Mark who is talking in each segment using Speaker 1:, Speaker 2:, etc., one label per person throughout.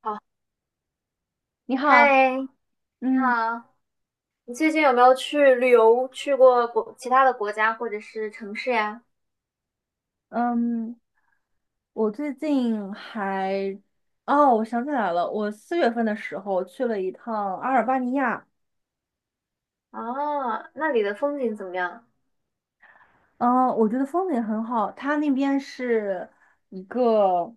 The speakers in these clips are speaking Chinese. Speaker 1: 好，
Speaker 2: 你好，
Speaker 1: 嗨，你好。
Speaker 2: 嗯
Speaker 1: 你最近有没有去旅游，去过国其他的国家或者是城市呀？
Speaker 2: 嗯，我最近还，哦，我想起来了，我四月份的时候去了一趟阿尔巴尼亚。
Speaker 1: 啊，那里的风景怎么样？
Speaker 2: 嗯，我觉得风景很好，它那边是一个，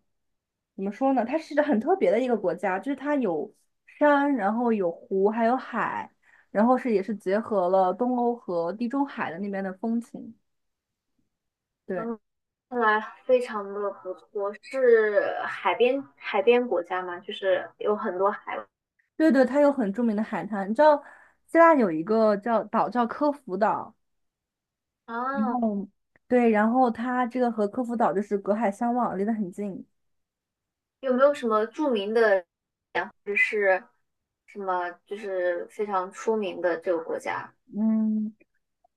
Speaker 2: 怎么说呢，它是一个很特别的一个国家，就是它有山，然后有湖，还有海，然后也是结合了东欧和地中海的那边的风情。对。
Speaker 1: 嗯，看来非常的不错，是海边国家吗？就是有很多海。
Speaker 2: 对对，它有很著名的海滩。你知道，希腊有一个叫科孚岛，然
Speaker 1: 啊，
Speaker 2: 后对，然后它这个和科孚岛就是隔海相望，离得很近。
Speaker 1: 有没有什么著名的，就是什么就是非常出名的这个国家？
Speaker 2: 嗯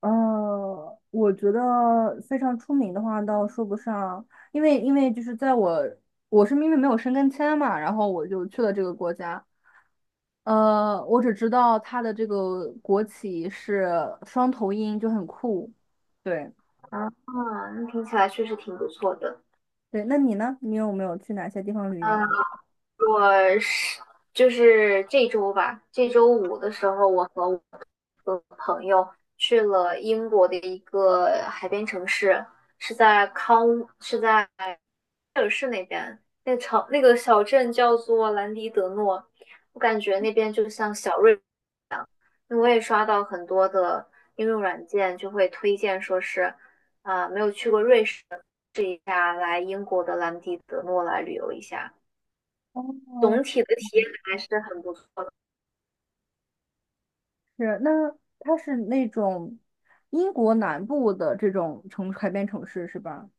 Speaker 2: 我觉得非常出名的话倒说不上，因为就是在我我是因为没有申根签嘛，然后我就去了这个国家。我只知道它的这个国旗是双头鹰，就很酷。对
Speaker 1: 啊，那听起来确实挺不错的。
Speaker 2: 对，那你呢？你有没有去哪些地方旅
Speaker 1: 啊，
Speaker 2: 游？
Speaker 1: 我是这周吧，这周五的时候，我和我的朋友去了英国的一个海边城市，是在康，是在那个城那个小镇叫做兰迪德诺。我感觉那边就像小瑞，因为我也刷到很多的应用软件就会推荐说是啊、没有去过瑞士，的，试一下来英国的兰迪德诺来旅游一下，
Speaker 2: 哦，
Speaker 1: 总体的体验还是很不错。
Speaker 2: 是，那它是那种英国南部的这种海边城市是吧？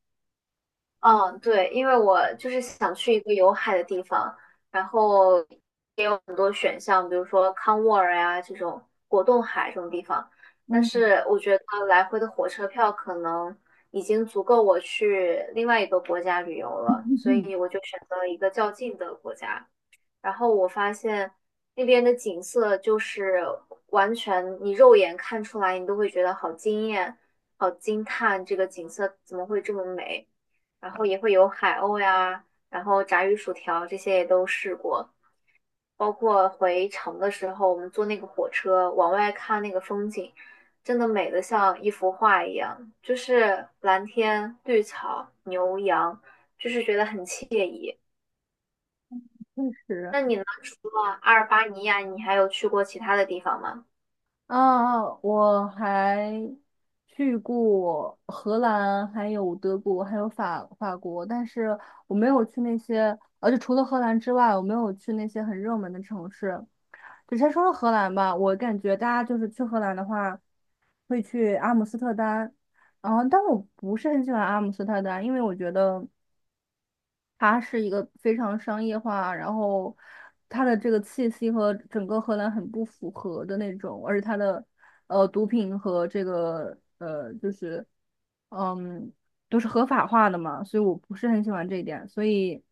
Speaker 1: 嗯，对，因为我就是想去一个有海的地方，然后也有很多选项，比如说康沃尔呀、这种果冻海这种地方，但
Speaker 2: 嗯
Speaker 1: 是我觉得来回的火车票可能已经足够我去另外一个国家旅游了，所
Speaker 2: 嗯
Speaker 1: 以我就选择了一个较近的国家。然后我发现那边的景色就是完全你肉眼看出来，你都会觉得好惊艳、好惊叹，这个景色怎么会这么美？然后也会有海鸥呀，然后炸鱼薯条这些也都试过，包括回城的时候，我们坐那个火车往外看那个风景，真的美得像一幅画一样，就是蓝天、绿草、牛羊，就是觉得很惬意。
Speaker 2: 嗯，确实。
Speaker 1: 那你呢？除了阿尔巴尼亚，你还有去过其他的地方吗？
Speaker 2: 啊，我还去过荷兰，还有德国，还有法国，但是我没有去那些，而且除了荷兰之外，我没有去那些很热门的城市。就先说说荷兰吧，我感觉大家就是去荷兰的话，会去阿姆斯特丹，然后但我不是很喜欢阿姆斯特丹，因为我觉得，它是一个非常商业化，然后它的这个气息和整个荷兰很不符合的那种，而且它的毒品和这个就是嗯都是合法化的嘛，所以我不是很喜欢这一点，所以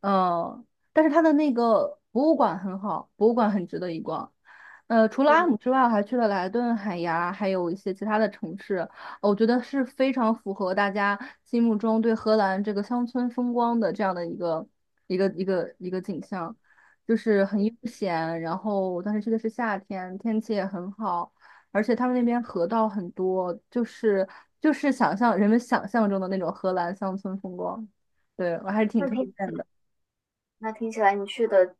Speaker 2: 呃，但是它的那个博物馆很好，博物馆很值得一逛。除了阿
Speaker 1: 嗯，
Speaker 2: 姆之外，我还去了莱顿、海牙，还有一些其他的城市，我觉得是非常符合大家心目中对荷兰这个乡村风光的这样的一个景象，就是很悠闲。然后我当时去的是夏天，天气也很好，而且他们那边河道很多，就是人们想象中的那种荷兰乡村风光。对，我还是挺
Speaker 1: 那
Speaker 2: 推
Speaker 1: 听
Speaker 2: 荐的。
Speaker 1: 那听起来你去的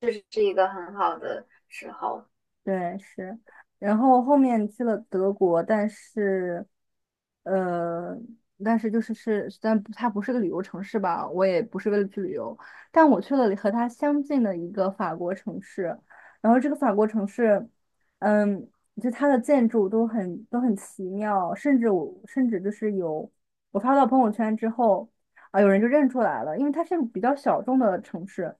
Speaker 1: 确实是一个很好的时候。
Speaker 2: 对，是，然后后面去了德国，但是，呃，但是就是是，但不它不是个旅游城市吧？我也不是为了去旅游，但我去了和它相近的一个法国城市，然后这个法国城市，嗯，就它的建筑都很奇妙，甚至我甚至就是有我发到朋友圈之后，啊，有人就认出来了，因为它是个比较小众的城市，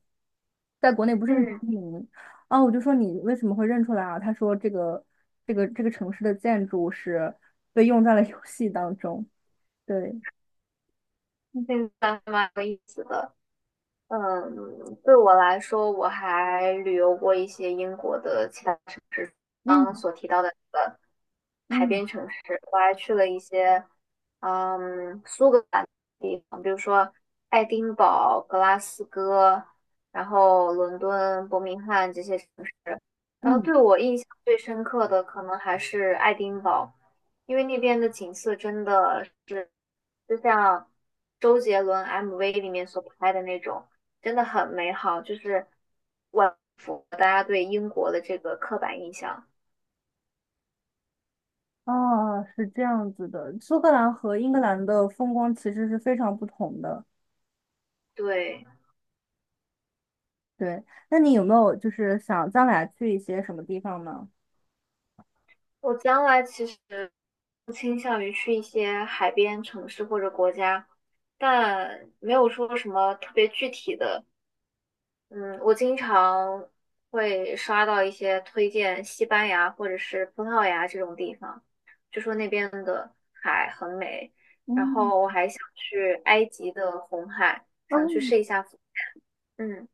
Speaker 2: 在国内不是很
Speaker 1: 嗯，
Speaker 2: 出名。啊，我就说你为什么会认出来啊？他说这个城市的建筑是被用在了游戏当中。对，
Speaker 1: 现在蛮有意思。嗯，对我来说，我还旅游过一些英国的其他刚刚
Speaker 2: 嗯
Speaker 1: 所提到的海
Speaker 2: 嗯
Speaker 1: 边城市。我还去了一些嗯苏格兰的地方，比如说爱丁堡、格拉斯哥，然后伦敦、伯明翰这些城市。然后
Speaker 2: 嗯，
Speaker 1: 对我印象最深刻的可能还是爱丁堡，因为那边的景色真的是就像周杰伦 MV 里面所拍的那种，真的很美好，就是万复大家对英国的这个刻板印象。
Speaker 2: 啊是这样子的。苏格兰和英格兰的风光其实是非常不同的。
Speaker 1: 对，
Speaker 2: 对，那你有没有就是想将来去一些什么地方呢？
Speaker 1: 我将来其实倾向于去一些海边城市或者国家，但没有说什么特别具体的。嗯，我经常会刷到一些推荐西班牙或者是葡萄牙这种地方，就说那边的海很美。然
Speaker 2: 嗯，
Speaker 1: 后我还想去埃及的红海，想去
Speaker 2: 哦，
Speaker 1: 试一下浮。嗯。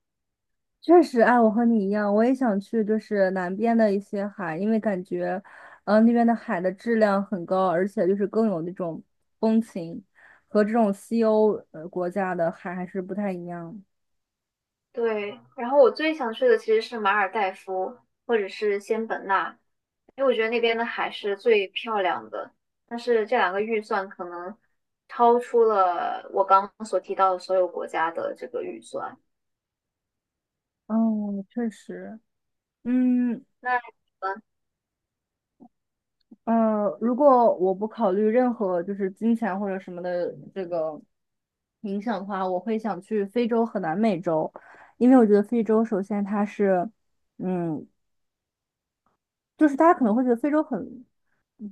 Speaker 2: 确实，哎，我和你一样，我也想去，就是南边的一些海，因为感觉，那边的海的质量很高，而且就是更有那种风情，和这种西欧国家的海还是不太一样。
Speaker 1: 对，然后我最想去的其实是马尔代夫或者是仙本那，因为我觉得那边的海是最漂亮的。但是这两个预算可能超出了我刚刚所提到的所有国家的这个预算。
Speaker 2: 嗯，确实，嗯
Speaker 1: 那
Speaker 2: 如果我不考虑任何就是金钱或者什么的这个影响的话，我会想去非洲和南美洲，因为我觉得非洲首先它是。嗯，就是大家可能会觉得非洲很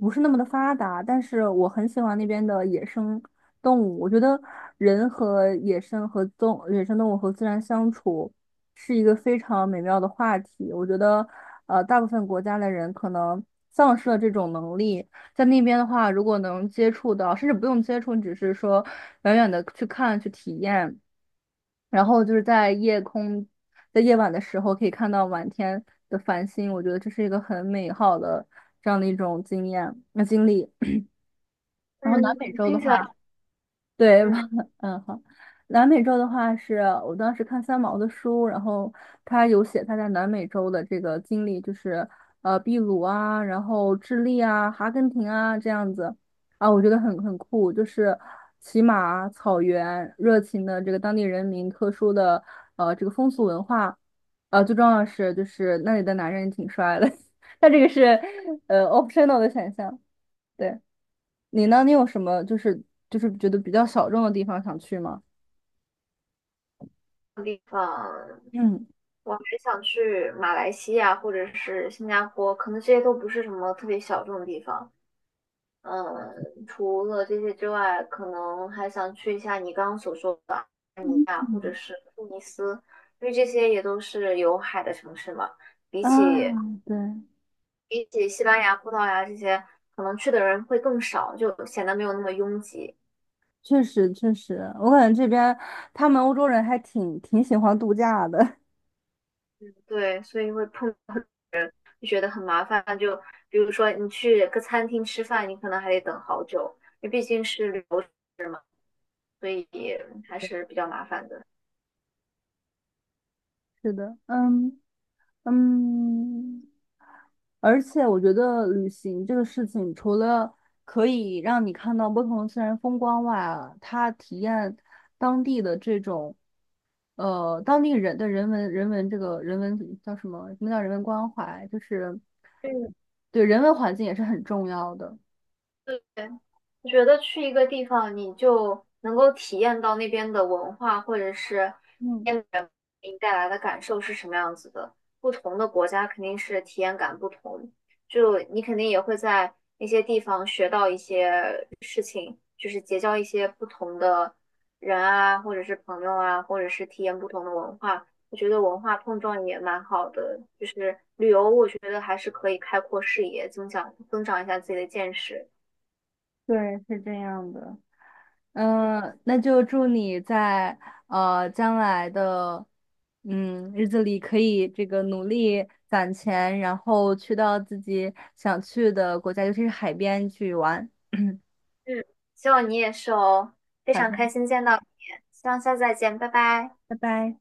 Speaker 2: 不是那么的发达，但是我很喜欢那边的野生动物。我觉得人和野生动物和自然相处是一个非常美妙的话题。我觉得，大部分国家的人可能丧失了这种能力，在那边的话，如果能接触到，甚至不用接触，你只是说远远的去看去体验。然后就是在夜晚的时候可以看到满天的繁星，我觉得这是一个很美好的这样的一种经验、经历。
Speaker 1: 嗯，
Speaker 2: 然后南美
Speaker 1: 嗯
Speaker 2: 洲的
Speaker 1: 听起来
Speaker 2: 话，对，
Speaker 1: 嗯，
Speaker 2: 嗯，好。南美洲的话是我当时看三毛的书，然后他有写他在南美洲的这个经历，就是秘鲁啊，然后智利啊、阿根廷啊这样子啊，我觉得很酷，就是骑马、草原、热情的这个当地人民特殊的这个风俗文化，最重要的是就是那里的男人挺帅的，他这个是optional 的选项，对。你呢？你有什么就是觉得比较小众的地方想去吗？
Speaker 1: 地方，
Speaker 2: 嗯。
Speaker 1: 我还想去马来西亚或者是新加坡，可能这些都不是什么特别小众的地方。嗯，除了这些之外，可能还想去一下你刚刚所说的安尼亚或者是突尼斯，因为这些也都是有海的城市嘛。比
Speaker 2: 啊，
Speaker 1: 起
Speaker 2: 对，
Speaker 1: 比起西班牙、葡萄牙这些，可能去的人会更少，就显得没有那么拥挤。
Speaker 2: 确实确实，我感觉这边他们欧洲人还挺喜欢度假的。
Speaker 1: 对，所以会碰，就觉得很麻烦。就比如说你去个餐厅吃饭，你可能还得等好久，因为毕竟是旅游城市嘛，所以还是比较麻烦的。
Speaker 2: 是的，嗯，而且我觉得旅行这个事情，除了可以让你看到不同的自然风光外啊，它体验当地的这种当地人的人文这个人文叫什么？什么叫人文关怀？就是
Speaker 1: 嗯，
Speaker 2: 对人文环境也是很重要的。
Speaker 1: 对，我觉得去一个地方，你就能够体验到那边的文化，或者是
Speaker 2: 嗯，
Speaker 1: 那边的人给你带来的感受是什么样子的。不同的国家肯定是体验感不同，就你肯定也会在那些地方学到一些，就是结交一些不同的人啊，或者是朋友啊，或者是体验不同的文化。我觉得文化碰撞也蛮好的，就是旅游，我觉得还是可以开阔视野，增长一下自己的见识。
Speaker 2: 对，是这样的。那就祝你在将来的日子里可以这个努力攒钱，然后去到自己想去的国家，尤其是海边去玩。
Speaker 1: 嗯，希望你也是哦，非
Speaker 2: 好
Speaker 1: 常
Speaker 2: 的，
Speaker 1: 开心见到你，希望下次再见，拜拜。
Speaker 2: 拜拜。